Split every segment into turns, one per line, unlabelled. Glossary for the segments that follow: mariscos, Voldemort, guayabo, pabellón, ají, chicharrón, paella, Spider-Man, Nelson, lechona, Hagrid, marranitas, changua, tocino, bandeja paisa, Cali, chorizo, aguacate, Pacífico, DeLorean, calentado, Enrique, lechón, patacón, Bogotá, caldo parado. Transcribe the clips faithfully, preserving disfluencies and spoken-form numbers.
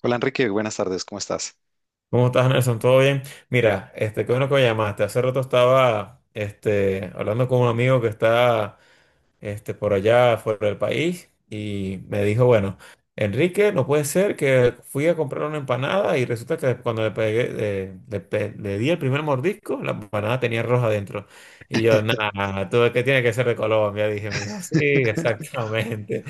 Hola Enrique, buenas tardes, ¿cómo estás?
¿Cómo estás, Nelson? ¿Todo bien? Mira, este, qué bueno que me llamaste. Hace rato estaba, este, hablando con un amigo que está este, por allá fuera del país y me dijo, bueno, Enrique, no puede ser que fui a comprar una empanada y resulta que cuando le pegué, eh, le, pe- le di el primer mordisco, la empanada tenía roja adentro. Y yo, nada, todo que tiene que ser de Colombia, dije, me dijo, sí, exactamente.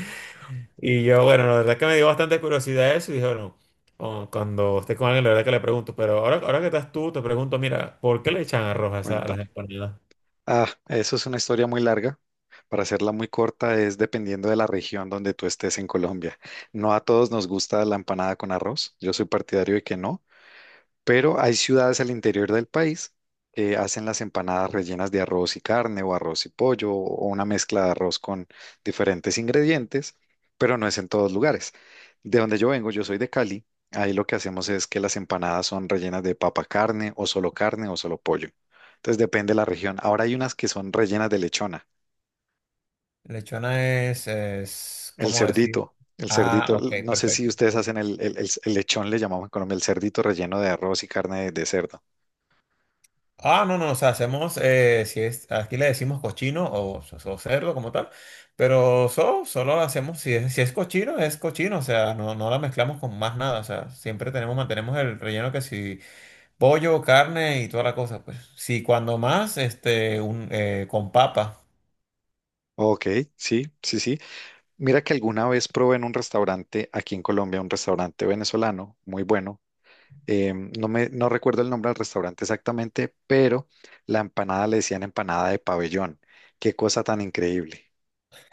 Y yo, bueno, la verdad que me dio bastante curiosidad eso y dije, bueno, o- cuando esté con alguien, la verdad que le pregunto, pero ahora, ahora que estás tú, te pregunto, mira, ¿por qué le echan arroz a, esa- a las
Cuéntame.
empanadas?
Ah, eso es una historia muy larga. Para hacerla muy corta, es dependiendo de la región donde tú estés en Colombia. No a todos nos gusta la empanada con arroz. Yo soy partidario de que no, pero hay ciudades al interior del país que hacen las empanadas rellenas de arroz y carne o arroz y pollo o una mezcla de arroz con diferentes ingredientes, pero no es en todos lugares. De donde yo vengo, yo soy de Cali, ahí lo que hacemos es que las empanadas son rellenas de papa carne o solo carne o solo pollo. Entonces depende de la región. Ahora hay unas que son rellenas de lechona,
Lechona es, es,
el
¿cómo decir?
cerdito. El
Ah,
cerdito,
ok,
l- no sé si
perfecto.
ustedes hacen el, el- el- el lechón, le llamamos en Colombia, el cerdito relleno de arroz y carne de de cerdo.
Ah, no, no, o sea, hacemos, eh, si es, aquí le decimos cochino o, o cerdo como tal, pero so- solo hacemos, si es, si es cochino, es cochino, o sea, no, no la mezclamos con más nada, o sea, siempre tenemos, mantenemos el relleno que si pollo, carne y toda la cosa, pues, sí, cuando más, este, un, eh, con papa,
Ok, sí, sí, sí. Mira que alguna vez probé en un restaurante aquí en Colombia, un restaurante venezolano muy bueno. Em, no me, no recuerdo el nombre del restaurante exactamente, pero la empanada le decían empanada de pabellón. Qué cosa tan increíble.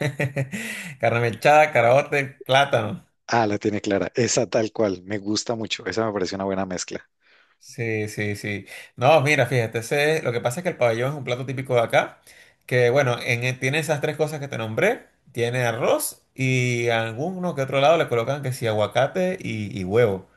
carne mechada, caraote, plátano.
Ah, la tiene clara. Esa tal cual. Me gusta mucho. Esa me parece una buena mezcla.
Sí, sí, sí. No, mira, fíjate, ese- lo que pasa es que el pabellón es un plato típico de acá, que bueno, en, eh, tiene esas tres cosas que te nombré, tiene arroz y a alguno que otro lado le colocan que sí, aguacate y, y huevo.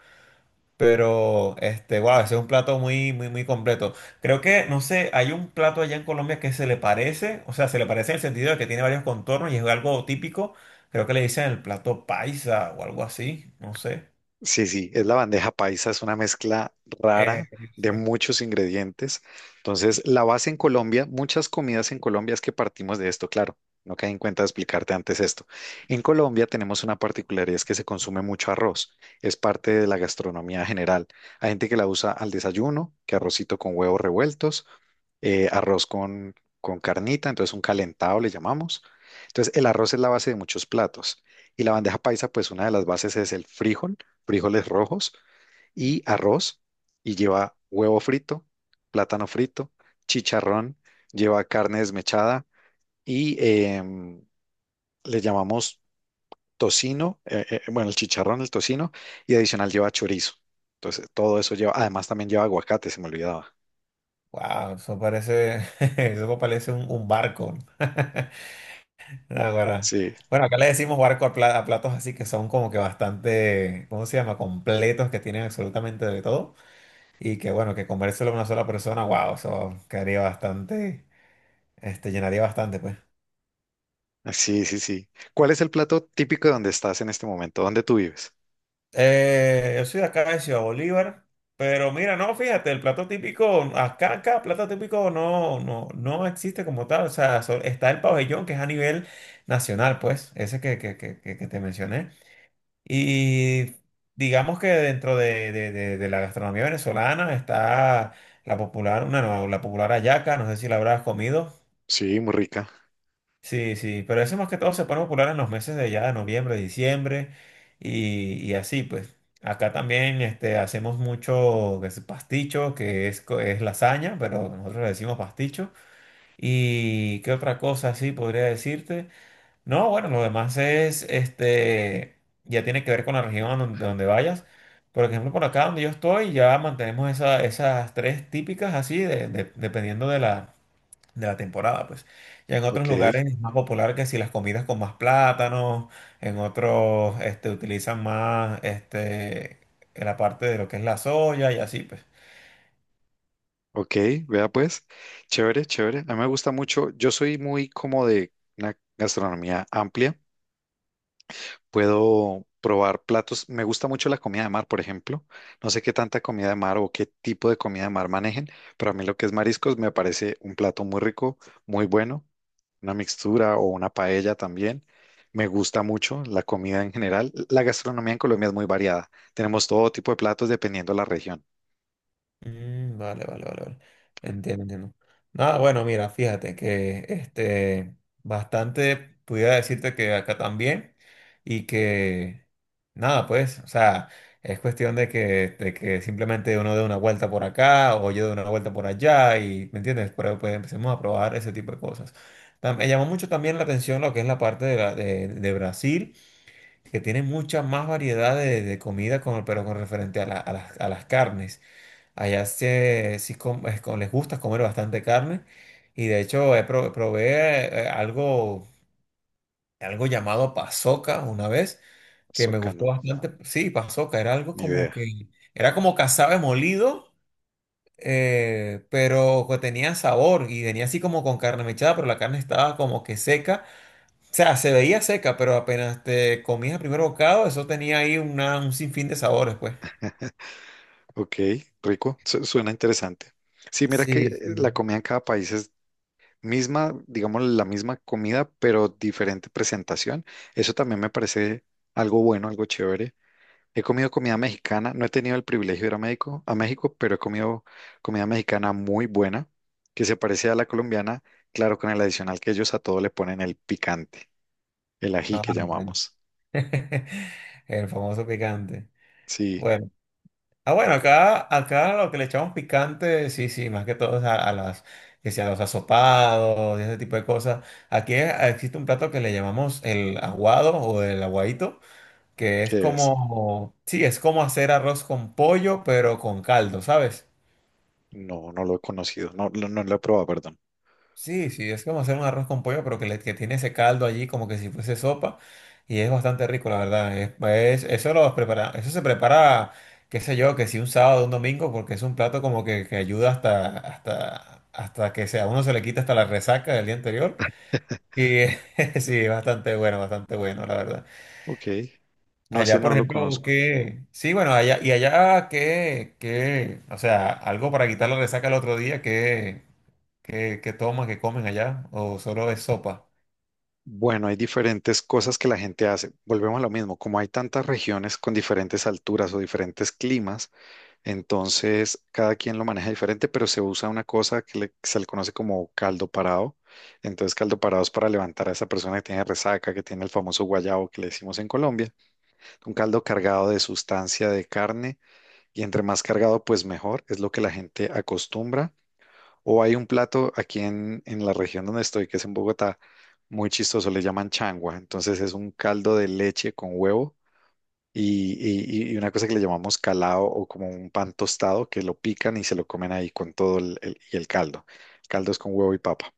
Pero, este, wow, ese es un plato muy, muy, muy completo. Creo que, no sé, hay un plato allá en Colombia que se le parece, o sea, se le parece en el sentido de que tiene varios contornos y es algo típico. Creo que le dicen el plato paisa o algo así, no sé.
Sí, sí, es la bandeja paisa, es una mezcla
Eh,
rara de muchos ingredientes. Entonces, la base en Colombia, muchas comidas en Colombia es que partimos de esto, claro. No caí en cuenta de explicarte antes esto. En Colombia tenemos una particularidad, es que se consume mucho arroz. Es parte de la gastronomía general. Hay gente que la usa al desayuno, que arrocito con huevos revueltos, eh, arroz con, con carnita, entonces un calentado le llamamos. Entonces, el arroz es la base de muchos platos. Y la bandeja paisa, pues una de las bases es el frijol, frijoles rojos y arroz y lleva huevo frito, plátano frito, chicharrón, lleva carne desmechada y em, le llamamos tocino, eh, eh, bueno, el chicharrón, el tocino y adicional lleva chorizo. Entonces, todo eso lleva, además también lleva aguacate, se me olvidaba.
Wow, eso parece, eso parece un, un barco. Ahora,
Sí,
bueno, acá le decimos barco a, pla- a platos así que son como que bastante, ¿cómo se llama? Completos, que tienen absolutamente de todo. Y que bueno, que comérselo a una sola persona, wow, eso quedaría bastante, este, llenaría bastante, pues.
sí, sí, sí. ¿Cuál es el plato típico de donde estás en este momento? ¿Dónde tú vives?
Eh, yo soy de acá de Ciudad Bolívar, pero mira, no, fíjate, el plato típico, acá, acá, plato típico no, no, no existe como tal, o sea, so- está el pabellón que es a nivel nacional, pues, ese que, que, que, que- que te mencioné. Y digamos que dentro de, de, de, de la gastronomía venezolana está la popular, una, no, la popular hallaca, no sé si la habrás comido.
Sí, muy rica.
Sí, sí, pero eso más que todo se pone popular en los meses de ya, noviembre, diciembre y, y así, pues. Acá también este, hacemos mucho que es pasticho, que es, co- es lasaña, pero nosotros le decimos pasticho. ¿Y qué otra cosa así podría decirte? No, bueno, lo demás es, este, ya tiene que ver con la región donde, donde vayas. Por ejemplo, por acá donde yo estoy, ya mantenemos esa- esas tres típicas así, de- de- dependiendo de la temporada, pues. Ya en otros
Ok.
lugares es más popular que si las comidas con más plátanos, en otros este, utilizan más este, en la parte de lo que es la soya y así, pues.
Ok, vea pues, chévere, chévere. A mí me gusta mucho. Yo soy muy como de una gastronomía amplia. Puedo probar platos. Me gusta mucho la comida de mar, por ejemplo. No sé qué tanta comida de mar o qué tipo de comida de mar manejen, pero a mí lo que es mariscos me parece un plato muy rico, muy bueno. Una mixtura o una paella también. Me gusta mucho la comida en general. La gastronomía en Colombia es muy variada. Tenemos todo tipo de platos dependiendo de la región.
Mm, vale, vale, vale, vale. Entiendo, entiendo. Nada, bueno, mira, fíjate que este bastante pudiera decirte que acá también y que nada, pues, o sea, es cuestión de que, de que simplemente uno dé una vuelta por acá o yo dé una vuelta por allá y, ¿me entiendes? Pero pues empecemos a probar ese tipo de cosas. Tam- Me llamó mucho también la atención lo que es la parte de, la- de- de Brasil, que tiene mucha más variedad de, de comida, con, pero con referente a la- a las a las carnes. Allá se- sí, com- es com- les gusta comer bastante carne y de hecho he pro- probé eh, algo, algo llamado pasoca una vez que
Eso,
me gustó
no,
bastante. Sí, pasoca, era algo
ni
como
idea.
que, era como cazabe molido, eh, pero que tenía sabor y venía así como con carne mechada, pero la carne estaba como que seca. O sea, se veía seca, pero apenas te comías el primer bocado, eso tenía ahí una, un sinfín de sabores, pues.
Ok, rico, su- suena interesante. Sí, mira que eh,
Sí,
la
sí.
comida en cada país es misma, digamos, la misma comida, pero diferente presentación. Eso también me parece algo bueno, algo chévere. He comido comida mexicana, no he tenido el privilegio de ir a México, a México, pero he comido comida mexicana muy buena, que se parece a la colombiana, claro, con el adicional que ellos a todo le ponen el picante, el ají
Ah,
que
bueno.
llamamos.
El famoso picante.
Sí,
Bueno, ah, bueno, acá, acá lo que le echamos picante, sí, sí, más que todo es a, a las, que sea, los asopados y ese tipo de cosas. Aquí eh, existe un plato que le llamamos el aguado o el aguadito, que es
¿qué es?
como, sí, es como hacer arroz con pollo, pero con caldo, ¿sabes?
No, no lo he conocido, no, no no lo he probado, perdón.
Sí, sí, es como hacer un arroz con pollo, pero que, le- que tiene ese caldo allí como que si fuese sopa y es bastante rico, la verdad. Es- es- eso lo prepara, eso se prepara, qué sé yo, que si un sábado, un domingo, porque es un plato como que, que ayuda hasta, hasta, hasta que sea, a uno se le quita hasta la resaca del día anterior. Y sí, bastante bueno, bastante bueno, la verdad.
Ok, no, ese
Allá, por
no lo
ejemplo,
conozco.
que sí, bueno, allá y allá que que, o sea, algo para quitar la resaca el otro día, que ¿qué, qué toman, qué comen allá? ¿O solo es sopa?
Bueno, hay diferentes cosas que la gente hace. Volvemos a lo mismo, como hay tantas regiones con diferentes alturas o diferentes climas, entonces cada quien lo maneja diferente, pero se usa una cosa que le- se le conoce como caldo parado. Entonces, caldo parado es para levantar a esa persona que tiene resaca, que tiene el famoso guayabo que le decimos en Colombia. Un caldo cargado de sustancia de carne y entre más cargado, pues mejor. Es lo que la gente acostumbra. O hay un plato aquí en, en la región donde estoy, que es en Bogotá, muy chistoso, le llaman changua. Entonces es un caldo de leche con huevo y, y- y una cosa que le llamamos calao o como un pan tostado que lo pican y se lo comen ahí con todo el, el- y el caldo. El caldo es con huevo y papa.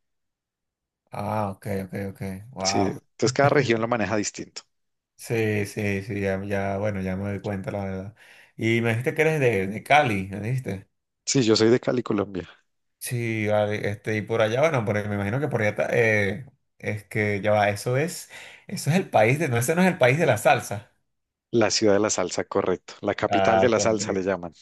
Ah, ok, ok, ok.
Sí,
Wow.
entonces cada región lo maneja distinto.
Sí, sí, sí, ya, ya, bueno, ya me doy cuenta, la verdad. Y me dijiste que eres de, de Cali, ¿me dijiste?
Sí, yo soy de Cali, Colombia,
Sí, vale, este, y por allá, bueno, por, me imagino que por allá está, eh, es que ya va, eso es, eso es el país de, no, ese no es el país de la salsa.
la ciudad de la salsa, correcto. La capital de
Ah,
la salsa le
correcto.
llaman.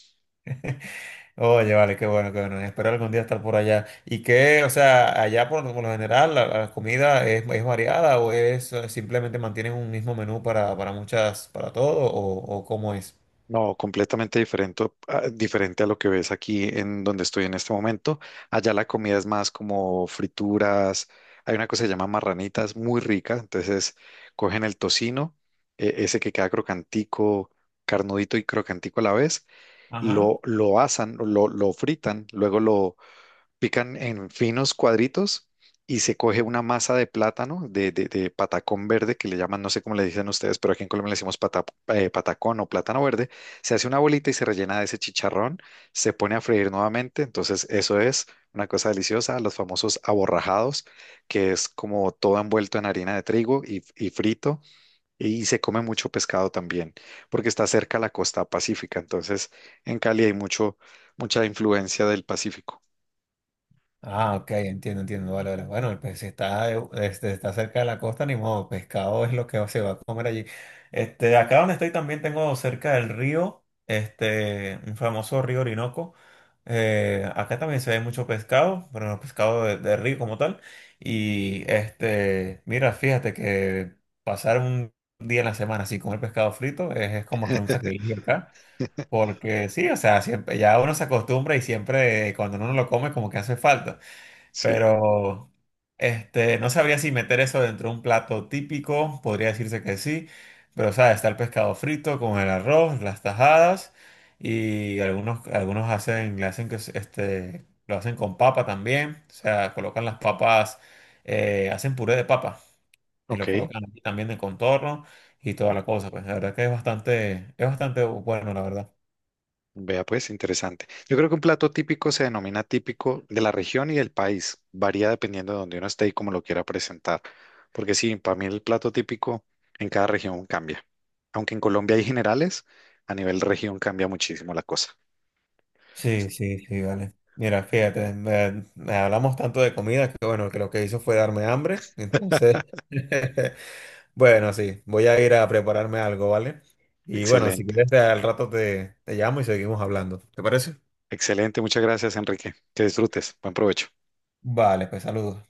Oye, vale, qué bueno, qué bueno. Espero algún día estar por allá. Y qué, o sea, allá por, por lo general la, la comida es, es variada o es eh, simplemente mantienen un mismo menú para, para muchas, para todo o, o cómo es.
No, completamente diferente, ah, diferente a lo que ves aquí en donde estoy en este momento. Allá la comida es más como frituras. Hay una cosa que se llama marranitas, muy rica. Entonces cogen el tocino, eh, ese que queda crocantico, carnudito y crocantico a la vez, lo, lo asan, lo, lo fritan, luego lo, pican en finos cuadritos y se coge una masa de plátano, de, de- de patacón verde, que le llaman, no sé cómo le dicen ustedes, pero aquí en Colombia le decimos pata- eh, patacón o plátano verde. Se hace una bolita y se rellena de ese chicharrón, se pone a freír nuevamente. Entonces, eso es una cosa deliciosa, los famosos aborrajados, que es como todo envuelto en harina de trigo y, y frito. Y se come mucho pescado también, porque está cerca a la costa pacífica. Entonces, en Cali hay mucho, mucha influencia del Pacífico.
Ah, ok, entiendo, entiendo. Vale, vale. Bueno, pues si está, eh, este, está cerca de la costa, ni modo, pescado es lo que se va a comer allí. Este, acá donde estoy también tengo cerca del río, este, un famoso río Orinoco. Eh, acá también se ve mucho pescado, pero no pescado de, de río como tal. Y este, mira, fíjate que pasar un día en la semana así comer pescado frito es, es como que un sacrificio acá. Porque sí, o sea, siempre, ya uno se acostumbra y siempre eh, cuando uno lo come como que hace falta.
Sí.
Pero este, no sabría si meter eso dentro de un plato típico, podría decirse que sí, pero sabes, está el pescado frito con el arroz, las tajadas y algunos, algunos hacen, le hacen que es- este, lo hacen con papa también, o sea, colocan las papas, eh, hacen puré de papa y lo
Ok,
colocan aquí también de contorno y toda la cosa, pues la verdad que es bastante, es bastante bueno, la verdad.
vea pues, interesante. Yo creo que un plato típico se denomina típico de la región y del país. Varía dependiendo de donde uno esté y cómo lo quiera presentar. Porque sí, para mí el plato típico en cada región cambia. Aunque en Colombia hay generales, a nivel región cambia muchísimo la cosa.
Sí, sí, sí, vale. Mira, fíjate, me, me hablamos tanto de comida que bueno, que lo que hizo fue darme hambre. Entonces, bueno, sí, voy a ir a prepararme algo, ¿vale? Y bueno, si
Excelente,
quieres, al rato te, te llamo y seguimos hablando. ¿Te parece?
excelente. Muchas gracias, Enrique. Que disfrutes. Buen provecho.
Vale, pues saludos.